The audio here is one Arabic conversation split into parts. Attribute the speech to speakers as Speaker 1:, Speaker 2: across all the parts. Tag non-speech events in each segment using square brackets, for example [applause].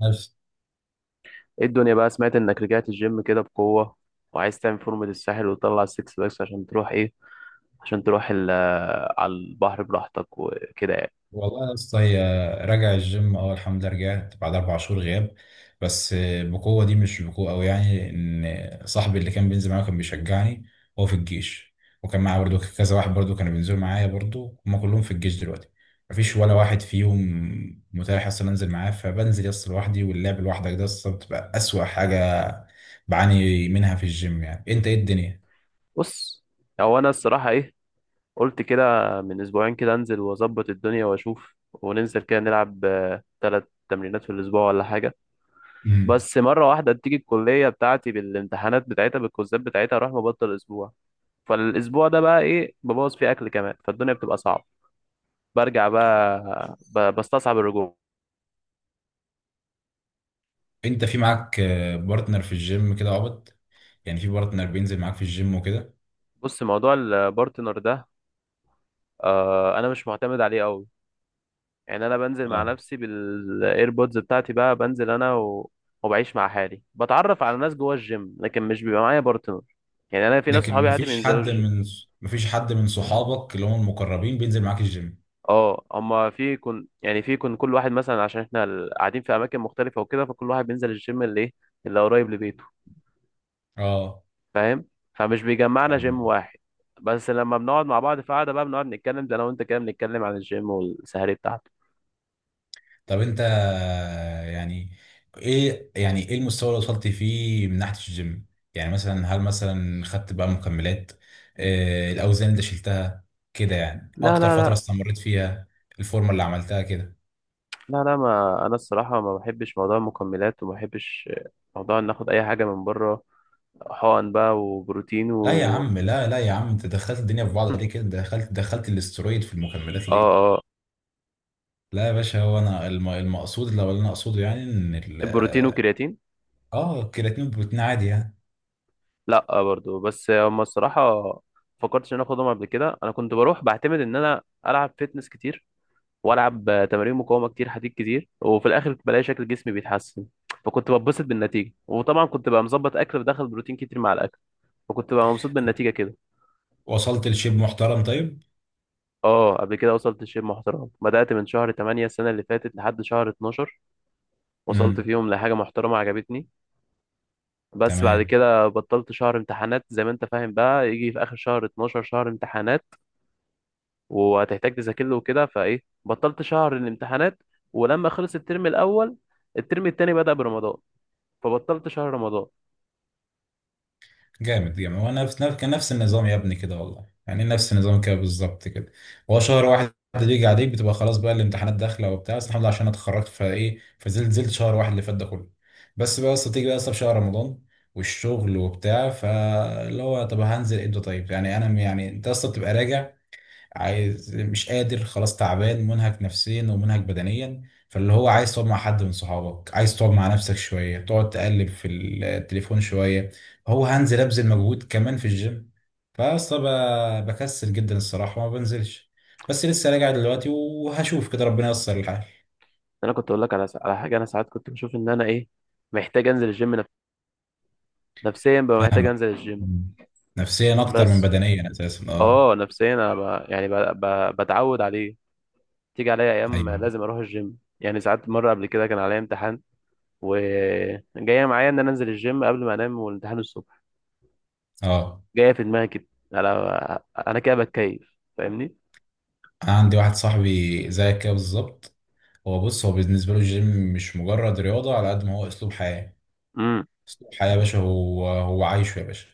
Speaker 1: نفس.
Speaker 2: ايه الدنيا بقى؟ سمعت انك رجعت الجيم كده بقوة، وعايز تعمل فورمة الساحل وتطلع السكس باكس عشان تروح ايه عشان تروح على البحر براحتك وكده يعني.
Speaker 1: والله يا اسطى، هي راجع الجيم، الحمد لله رجعت بعد 4 شهور غياب. بس بقوه دي مش بقوه قوي يعني، ان صاحبي اللي كان بينزل معايا كان بيشجعني هو في الجيش، وكان معايا برضو كذا واحد برضو كانوا بينزلوا معايا برضو، هما كلهم في الجيش دلوقتي. مفيش ولا واحد فيهم متاح اصلا انزل معاه، فبنزل يس لوحدي، واللعب لوحدك ده اصلا بتبقى اسوأ حاجه بعاني منها في الجيم. يعني انت ايه الدنيا؟
Speaker 2: بص، هو انا الصراحة ايه قلت كده من اسبوعين كده انزل واظبط الدنيا واشوف، وننزل كده نلعب ثلاث تمرينات في الاسبوع ولا حاجة. بس مرة واحدة تيجي الكلية بتاعتي بالامتحانات بتاعتها بالكوزات بتاعتها اروح مبطل اسبوع، فالاسبوع ده بقى ايه ببوظ فيه اكل كمان، فالدنيا بتبقى صعبة، برجع بقى، بستصعب الرجوع.
Speaker 1: انت في معاك بارتنر في الجيم كده عبط؟ يعني في بارتنر بينزل معاك في الجيم وكده؟
Speaker 2: بص موضوع البارتنر ده، آه انا مش معتمد عليه قوي، يعني انا بنزل مع
Speaker 1: اه.
Speaker 2: نفسي بالايربودز بتاعتي بقى، بنزل انا و... وبعيش مع حالي، بتعرف على ناس جوه الجيم لكن مش بيبقى معايا بارتنر، يعني انا في ناس
Speaker 1: لكن
Speaker 2: صحابي عادي بينزلوا الجيم.
Speaker 1: مفيش حد من صحابك اللي هم المقربين بينزل معاك الجيم؟
Speaker 2: اه اما في كن يعني في كن كل واحد مثلا، عشان احنا قاعدين في اماكن مختلفه وكده، فكل واحد بينزل الجيم اللي ايه اللي قريب لبيته.
Speaker 1: اه.
Speaker 2: فاهم، فمش بيجمعنا جيم
Speaker 1: فاهم.
Speaker 2: واحد. بس لما بنقعد مع بعض في قعده بقى بنقعد نتكلم، ده انا وانت كده بنتكلم عن الجيم والسهري بتاعته.
Speaker 1: طب انت يعني ايه، يعني ايه المستوى اللي وصلت فيه من ناحية الجيم؟ يعني مثلا هل مثلا خدت بقى مكملات؟ الاوزان اللي شلتها كده يعني،
Speaker 2: لا،
Speaker 1: اكتر
Speaker 2: لا،
Speaker 1: فترة
Speaker 2: لا،
Speaker 1: استمريت فيها، الفورمة اللي عملتها كده؟
Speaker 2: لا، لا، ما انا الصراحه ما بحبش موضوع المكملات، وما بحبش موضوع ان اخد اي حاجه من بره، حقن بقى وبروتين
Speaker 1: لا يا
Speaker 2: و...
Speaker 1: عم، لا لا يا عم، انت دخلت الدنيا في بعض
Speaker 2: هم.
Speaker 1: ليه كده؟ دخلت الاسترويد في المكملات
Speaker 2: اه،
Speaker 1: ليه؟
Speaker 2: اه،
Speaker 1: لا يا باشا، هو انا المقصود اللي انا اقصده يعني ان ال
Speaker 2: البروتين والكرياتين.
Speaker 1: اه الكرياتين والبروتين عادي يعني.
Speaker 2: لا آه برضو، بس هما الصراحه فكرتش ان انا اخدهم قبل كده، انا كنت بروح بعتمد ان انا العب فيتنس كتير، والعب تمارين مقاومه كتير حديد كتير، وفي الاخر بلاقي شكل جسمي بيتحسن، فكنت بتبسط بالنتيجه، وطبعا كنت بقى مظبط اكل، بدخل بروتين كتير مع الاكل، فكنت بقى مبسوط بالنتيجه كده.
Speaker 1: وصلت لشيب محترم؟ طيب.
Speaker 2: اه، قبل كده وصلت لشيء محترم، بدأت من شهر 8 السنة اللي فاتت لحد شهر 12، وصلت
Speaker 1: امم.
Speaker 2: فيهم لحاجة محترمة عجبتني. بس بعد
Speaker 1: تمام.
Speaker 2: كده بطلت شهر امتحانات، زي ما انت فاهم بقى، يجي في آخر شهر 12 شهر امتحانات وهتحتاج تذاكر له وكده، فايه بطلت شهر الامتحانات. ولما خلص الترم الأول الترم التاني بدأ برمضان، فبطلت شهر رمضان.
Speaker 1: جامد جامد. هو كان نفس النظام يا ابني كده والله، يعني نفس النظام كده بالظبط كده. هو شهر واحد بيجي عليك بتبقى خلاص بقى، الامتحانات داخله وبتاع، بس الحمد لله عشان انا اتخرجت فايه، فنزلت شهر واحد اللي فات ده كله. بس بقى اصل تيجي بقى اصلا في شهر رمضان والشغل وبتاع، فاللي هو طب هنزل امتى طيب؟ يعني انا م- يعني انت اصلا بتبقى راجع عايز مش قادر، خلاص تعبان منهك نفسيا ومنهك بدنيا، فاللي هو عايز تقعد مع حد من صحابك، عايز تقعد مع نفسك شوية، تقعد تقلب في التليفون شوية، هو هنزل أبذل مجهود كمان في الجيم؟ فأصلا بكسل جدا الصراحة، وما بنزلش. بس لسه راجع دلوقتي وهشوف كده، ربنا ييسر الحال.
Speaker 2: انا كنت اقول لك على حاجة، انا ساعات كنت بشوف ان انا ايه محتاج انزل الجيم، نفسيا بقى محتاج
Speaker 1: فاهمك.
Speaker 2: انزل الجيم.
Speaker 1: مم. نفسيا أكتر من
Speaker 2: بس
Speaker 1: بدنيا أساسا، اه.
Speaker 2: اه نفسيا انا يعني بتعود عليه، تيجي عليا ايام
Speaker 1: أيوه.
Speaker 2: لازم اروح الجيم، يعني ساعات مره قبل كده كان عليا امتحان، وجايه معايا ان انا انزل الجيم قبل ما انام والامتحان الصبح،
Speaker 1: اه.
Speaker 2: جايه في دماغي كده، انا كده بتكيف، فاهمني.
Speaker 1: أنا عندي واحد صاحبي زيك كده بالظبط. هو بص، هو بالنسبة له الجيم مش مجرد رياضة على قد ما هو أسلوب حياة.
Speaker 2: امم.
Speaker 1: أسلوب حياة يا باشا، هو عايشه يا باشا.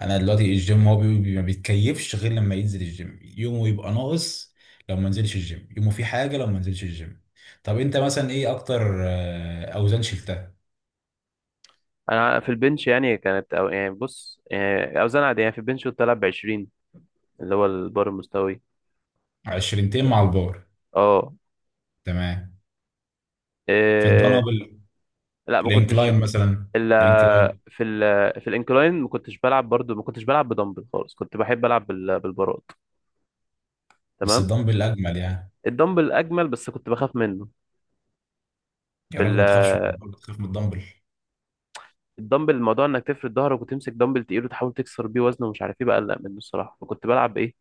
Speaker 1: أنا دلوقتي الجيم هو ما بيتكيفش غير لما ينزل الجيم، يومه يبقى ناقص. لو ما نزلش الجيم يومه فيه حاجة، لو ما نزلش الجيم. طب أنت مثلا إيه أكتر أوزان شلتها؟
Speaker 2: انا في البنش يعني يعني بص يعني اوزان عاديه يعني، في البنش كنت العب ب 20 اللي هو البار المستوي.
Speaker 1: عشرينتين مع البار.
Speaker 2: اه،
Speaker 1: تمام. في
Speaker 2: إيه...
Speaker 1: الدنابل؟
Speaker 2: لا ما كنتش.
Speaker 1: الإنكلاين مثلا؟
Speaker 2: الا
Speaker 1: الإنكلاين.
Speaker 2: في في الانكلاين ما كنتش بلعب، برضو ما كنتش بلعب بدمبل خالص، كنت بحب العب بالبارات.
Speaker 1: بس
Speaker 2: تمام.
Speaker 1: الدمبل أجمل يعني.
Speaker 2: الدمبل اجمل بس كنت بخاف منه. في
Speaker 1: يا راجل ما تخافش من الدمبل، تخاف من الدمبل!
Speaker 2: الدمبل، الموضوع انك تفرد ظهرك وتمسك دمبل تقيل وتحاول تكسر بيه وزنه ومش عارف ايه، بقلق منه الصراحه، فكنت بلعب ايه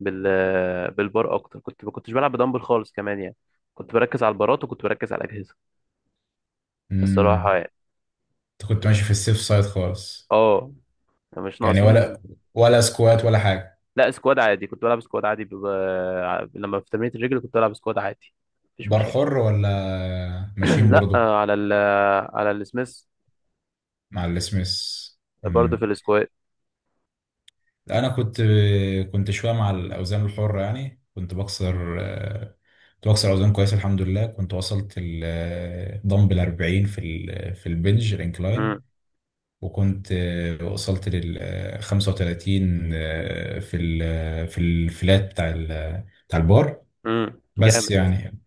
Speaker 2: بال بالبار اكتر، كنت ما كنتش بلعب بدمبل خالص كمان يعني، كنت بركز على البارات وكنت بركز على الاجهزه الصراحه
Speaker 1: امم.
Speaker 2: يعني.
Speaker 1: أنت كنت ماشي في السيف سايد خالص؟
Speaker 2: اه مش
Speaker 1: يعني،
Speaker 2: ناقصين.
Speaker 1: ولا سكوات ولا حاجة؟
Speaker 2: لا سكواد عادي، كنت بلعب سكواد عادي، لما في تمرينة الرجل كنت بلعب سكواد عادي مفيش
Speaker 1: بار
Speaker 2: مشاكل.
Speaker 1: حر ولا
Speaker 2: [clears throat]
Speaker 1: ماشيين
Speaker 2: لا
Speaker 1: برضو؟
Speaker 2: آه، على على السميث.
Speaker 1: مع السميث.
Speaker 2: برضه في
Speaker 1: مم.
Speaker 2: السكواد.
Speaker 1: لا أنا كنت كنت شوية مع الأوزان الحرة يعني، كنت بكسر كنت بكسر أوزان كويس الحمد لله، كنت وصلت الدمبل 40 في في البنج
Speaker 2: امم.
Speaker 1: الانكلاين، وكنت وصلت لل 35 في في الفلات بتاع البار. بس
Speaker 2: جامد.
Speaker 1: يعني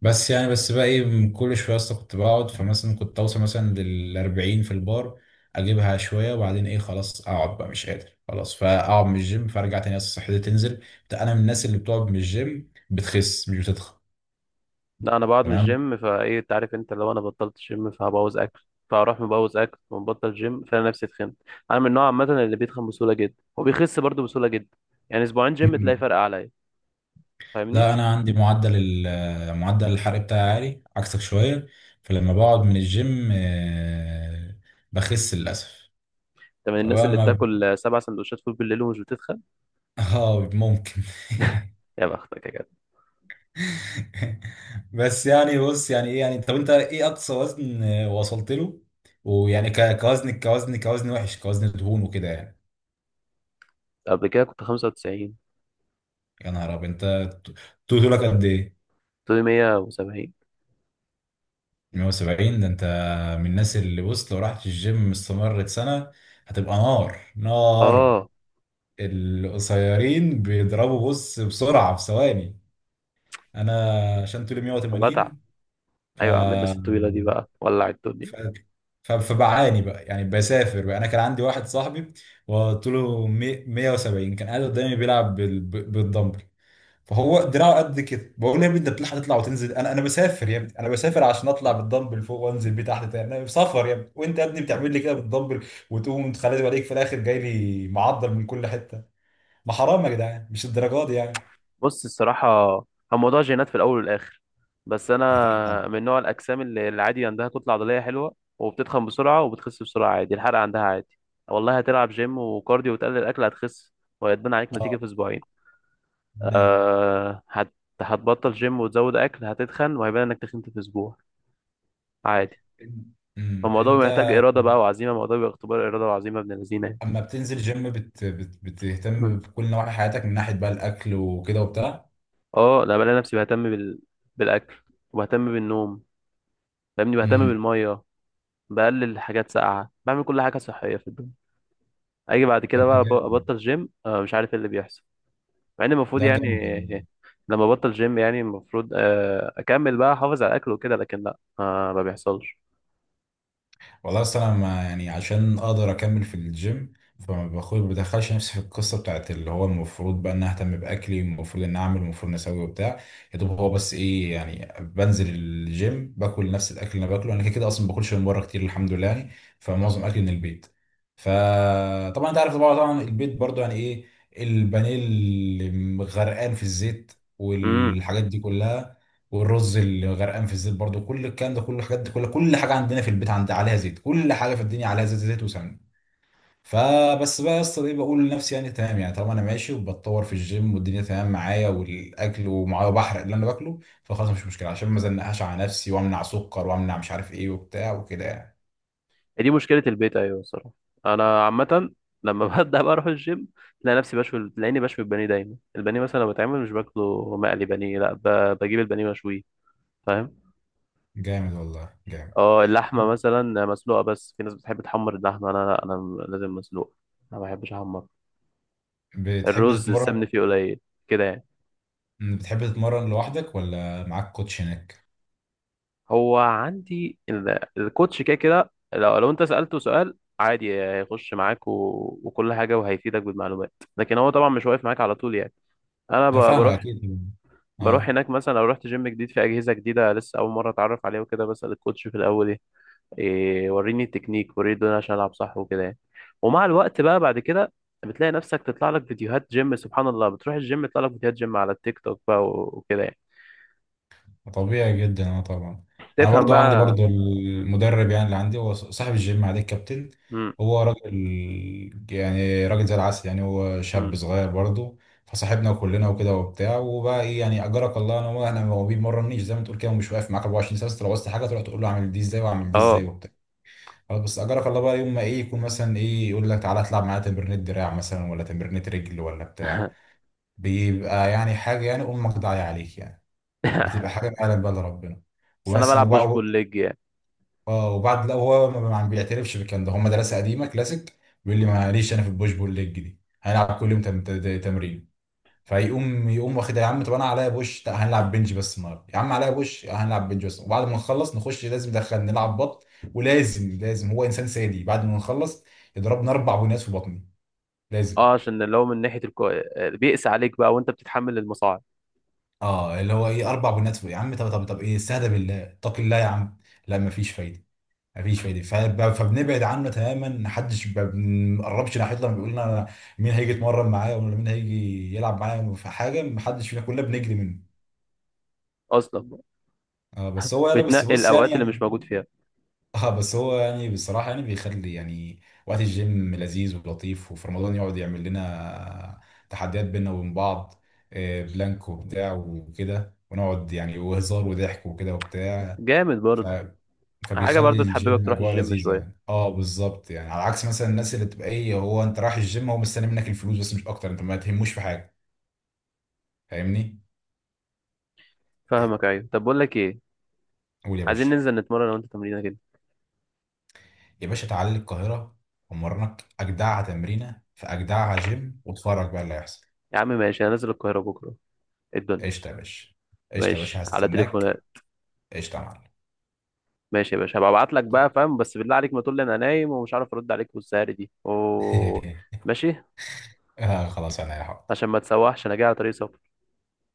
Speaker 1: بس بقى ايه، من كل شويه اصلا كنت بقعد، فمثلا كنت اوصل مثلا للأربعين في البار، اجيبها شويه وبعدين ايه خلاص اقعد بقى مش قادر خلاص، فاقعد من الجيم فارجع تاني اصلا صحتي تنزل. انا من الناس اللي بتقعد من الجيم بتخس مش بتتخن.
Speaker 2: لا انا بقعد من
Speaker 1: تمام.
Speaker 2: الجيم فايه، انت عارف، انت لو انا بطلت الجيم فهبوظ اكل، فاروح مبوظ اكل ومبطل جيم، فانا نفسي اتخنت. انا من النوع عامه اللي بيتخن بسهوله جدا وبيخس برضه بسهوله جدا، يعني اسبوعين جيم تلاقي
Speaker 1: مم.
Speaker 2: فرق عليا، فاهمني انت؟
Speaker 1: لا انا عندي معدل الحرق بتاعي عالي عكسك شويه. فلما بقعد من الجيم بخس للاسف.
Speaker 2: من الناس
Speaker 1: فبقى
Speaker 2: اللي
Speaker 1: ما
Speaker 2: بتاكل سبع سندوتشات فول بالليل ومش بتتخن.
Speaker 1: اه ممكن. [laughs]
Speaker 2: يا بختك يا جدع.
Speaker 1: [laughs] بس يعني بص، يعني ايه يعني، طب انت ايه اقصى وزن وصلت له؟ ويعني كوزن وحش، كوزن دهون وكده يعني.
Speaker 2: قبل كده كنت 95،
Speaker 1: يا نهار ابيض! انت ط- طولك قد ايه؟
Speaker 2: طولي 170،
Speaker 1: 170 ده. انت من الناس اللي بص، لو رحت الجيم استمرت سنة هتبقى نار نار.
Speaker 2: اه
Speaker 1: القصيرين بيضربوا بص بسرعة في ثواني. انا عشان طولي
Speaker 2: بتعب.
Speaker 1: 180، ف
Speaker 2: ايوه يا عم، الناس الطويله دي بقى ولع
Speaker 1: ف...
Speaker 2: الدنيا.
Speaker 1: فبعاني بقى يعني، بسافر بقى. انا كان عندي واحد صاحبي وطوله 170، كان قاعد قدامي بيلعب بالدمبل، فهو دراعه قد كده، بقول له يا ابني انت بتلحق تطلع وتنزل؟ انا بسافر يا ابني، انا بسافر عشان اطلع بالدمبل فوق وانزل بيه تحت تاني، انا سفر يا ابني، وانت يا ابني بتعمل لي كده بالدمبل؟ وتقوم تخلي عليك في الاخر جاي لي معضل من كل حته! ما حرام يا جدعان، مش الدرجات دي يعني.
Speaker 2: بص الصراحة، هو موضوع جينات في الأول والآخر، بس
Speaker 1: اكيد
Speaker 2: أنا
Speaker 1: طبعا.
Speaker 2: من نوع الأجسام اللي عادي عندها كتلة عضلية حلوة، وبتتخن بسرعة وبتخس بسرعة عادي، الحرق عندها عادي. والله هتلعب جيم وكارديو وتقلل الأكل هتخس، وهيتبان عليك نتيجة
Speaker 1: اه.
Speaker 2: في أسبوعين.
Speaker 1: تمام.
Speaker 2: أه، هتبطل جيم وتزود أكل، هتتخن وهيبان إنك تخنت في أسبوع، عادي.
Speaker 1: امم.
Speaker 2: الموضوع
Speaker 1: انت
Speaker 2: محتاج إرادة بقى وعزيمة، الموضوع بيبقى اختبار إرادة وعزيمة ابن الذين يعني.
Speaker 1: اما بتنزل جيم بتهتم
Speaker 2: [laughs]
Speaker 1: بكل نواحي حياتك من ناحيه بقى الاكل وكده وبتاع؟
Speaker 2: اه، أنا بلاقي نفسي بهتم بالأكل، وبهتم بالنوم، فاهمني، بهتم
Speaker 1: امم.
Speaker 2: بالمية، بقلل حاجات ساقعه، بعمل كل حاجه صحيه في الدنيا. اجي بعد
Speaker 1: طب
Speaker 2: كده
Speaker 1: ده
Speaker 2: بقى
Speaker 1: جامد.
Speaker 2: ابطل جيم، مش عارف ايه اللي بيحصل، مع ان المفروض
Speaker 1: ده جامد يعني.
Speaker 2: يعني، لما ابطل جيم يعني المفروض اكمل بقى، احافظ على الاكل وكده، لكن لا، ما بيحصلش.
Speaker 1: والله اصل انا ما يعني عشان اقدر اكمل في الجيم، فما باخد ما بدخلش نفسي في القصه بتاعت اللي هو المفروض بقى ان اهتم باكلي، المفروض ان اعمل، المفروض ان اسوي وبتاع. يا دوب هو بس ايه يعني، بنزل الجيم باكل نفس الاكل اللي انا باكله، انا كده كده اصلا ما باكلش من بره كتير الحمد لله يعني، فمعظم اكلي من البيت. فطبعا انت عارف، طبعا طبعا البيت برضو يعني ايه، البانيه اللي غرقان في الزيت
Speaker 2: امم.
Speaker 1: والحاجات دي كلها، والرز اللي غرقان في الزيت برضو، كل الكلام ده، كل الحاجات دي، كل كل حاجه عندنا في البيت عند عليها زيت، كل حاجه في الدنيا عليها زيت، زيت وسمنه. فبس بقى يا اسطى ايه، بقول لنفسي يعني تمام، يعني طالما انا ماشي وبتطور في الجيم والدنيا تمام معايا والاكل ومعايا بحرق اللي انا باكله، فخلاص مش مشكله، عشان ما زنقهاش على نفسي وامنع سكر وامنع مش عارف ايه وبتاع وكده يعني.
Speaker 2: دي مشكله البيت، ايوه الصراحه، انا عامه، لما [laughs] ببدا بقى اروح الجيم، تلاقي نفسي بشوي، تلاقيني بشوي البانيه دايما، البانيه مثلا لو بتعمل مش باكله مقلي بانيه، لا بجيب البانيه مشويه، فاهم.
Speaker 1: جامد والله جامد.
Speaker 2: اه اللحمة مثلا مسلوقة، بس في ناس بتحب تحمر اللحمة، أنا لا، أنا لازم مسلوقة، أنا ما بحبش أحمر.
Speaker 1: بتحب
Speaker 2: الرز
Speaker 1: تتمرن،
Speaker 2: السمن فيه قليل كده يعني.
Speaker 1: بتحب تتمرن لوحدك ولا معاك كوتش هناك؟
Speaker 2: هو عندي الكوتش كده كده، لو أنت سألته سؤال عادي هيخش معاك و... وكل حاجة وهيفيدك بالمعلومات، لكن هو طبعا مش واقف معاك على طول يعني. أنا
Speaker 1: انا فاهمك
Speaker 2: بروح
Speaker 1: اكيد.
Speaker 2: بروح
Speaker 1: اه،
Speaker 2: هناك مثلا، لو رحت جيم جديد في أجهزة جديدة لسه أول مرة أتعرف عليها وكده، بسأل الكوتش في الأول إيه، وريني التكنيك وريني الدنيا عشان العب صح وكده يعني. ومع الوقت بقى بعد كده، بتلاقي نفسك تطلع لك فيديوهات جيم، سبحان الله بتروح الجيم يطلع لك فيديوهات جيم على التيك توك بقى وكده يعني،
Speaker 1: طبيعي جدا، اه طبعا. انا
Speaker 2: تفهم
Speaker 1: برضو عندي
Speaker 2: بقى.
Speaker 1: برضو المدرب يعني اللي عندي هو صاحب الجيم، عليه الكابتن.
Speaker 2: امم.
Speaker 1: هو راجل، يعني راجل زي العسل يعني، هو شاب
Speaker 2: امم.
Speaker 1: صغير برضو، فصاحبنا كلنا وكده وبتاع، وبقى ايه يعني، اجرك الله انا، هو انا هو بيمرنيش زي ما تقول كده، ومش واقف معاك 24 ساعه، بس لو عوزت حاجه تروح تقول له اعمل دي ازاي واعمل دي ازاي
Speaker 2: اه.
Speaker 1: وبتاع. خلاص، بس اجرك الله بقى يوم ما ايه، يكون مثلا ايه يقول لك تعالى اطلع معايا تمرينة دراع مثلا ولا تمرينة رجل ولا بتاع، بيبقى يعني حاجه يعني امك ضايعه عليك يعني، بتبقى
Speaker 2: [laughs]
Speaker 1: حاجه معلم بقى لربنا.
Speaker 2: بس انا
Speaker 1: ومثلا
Speaker 2: بلعب بوش بول
Speaker 1: وبعد،
Speaker 2: ليج يعني.
Speaker 1: اه وبعد، لا هو ما بيعترفش بالكلام ده، هم مدرسه قديمه كلاسيك، بيقول لي ماليش انا في البوش بول ليج دي، هنلعب كل يوم تمرين، فيقوم واخد يا عم، طب انا عليا بوش، لا هنلعب بنج بس النهارده، يا عم عليا بوش، لا هنلعب بنج بس، وبعد ما نخلص نخش لازم ندخل نلعب بط، ولازم لازم، هو انسان سادي، بعد ما نخلص يضربنا 4 بنات في بطني لازم.
Speaker 2: اه عشان اللي هو من ناحيه بيقسى عليك بقى وانت بتتحمل المصاعب.
Speaker 1: اه اللي هو ايه 4 بنات في، يا عم طب طب طب ايه، استهدى بالله، اتق الله يا عم. لا مفيش فايده، مفيش فايده، فبنبعد عنه تماما، محدش بنقربش ناحيته لما بيقول لنا مين هيجي يتمرن معايا، ولا مين هيجي يلعب معايا في حاجه، محدش فينا، كلنا بنجري منه.
Speaker 2: اصلا
Speaker 1: اه بس هو انا بس
Speaker 2: بتنقي
Speaker 1: بص يعني
Speaker 2: الاوقات اللي مش موجود فيها.
Speaker 1: [laughs] اه بس هو يعني بصراحه يعني بيخلي يعني وقت الجيم لذيذ ولطيف، وفي رمضان يقعد يعمل لنا تحديات بينا وبين بعض، بلانك وبتاع وكده، ونقعد يعني وهزار وضحك وكده وبتاع.
Speaker 2: جامد برضه. حاجه
Speaker 1: فبيخلي
Speaker 2: برضه تحببك
Speaker 1: الجيم
Speaker 2: تروح
Speaker 1: اجواء
Speaker 2: الجيم
Speaker 1: لذيذه
Speaker 2: شويه.
Speaker 1: يعني، اه بالظبط يعني، على عكس مثلا الناس اللي تبقى ايه، هو انت رايح الجيم، هو مستني منك الفلوس بس، مش اكتر، انت ما تهموش في حاجه. فاهمني. إيه،
Speaker 2: فاهمك، ايوه طب بقول لك ايه،
Speaker 1: قول يا
Speaker 2: عايزين
Speaker 1: باشا.
Speaker 2: ننزل نتمرن لو انت تمرينه كده.
Speaker 1: يا باشا تعالى لي القاهره، ومرنك اجدعها تمرينه في اجدعها جيم، واتفرج بقى اللي هيحصل.
Speaker 2: يا عم ماشي، انا نازل القاهره بكره، إيه الدنيا.
Speaker 1: قشطه يا باشا. قشطه يا
Speaker 2: ماشي،
Speaker 1: باشا،
Speaker 2: على تليفونات.
Speaker 1: هستناك. قشطه يا معلم.
Speaker 2: ماشي يا باشا، هبقى ابعت لك بقى فاهم، بس بالله عليك ما تقول لي انا نايم ومش عارف ارد عليك والسهر دي اوه. ماشي.
Speaker 1: [laughs] آه خلاص، انا يا حاضر.
Speaker 2: عشان ما تسوحش انا جاي على طريق سفر.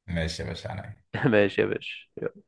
Speaker 1: ماشي يا باشا انا
Speaker 2: [laughs] ماشي يا باشا.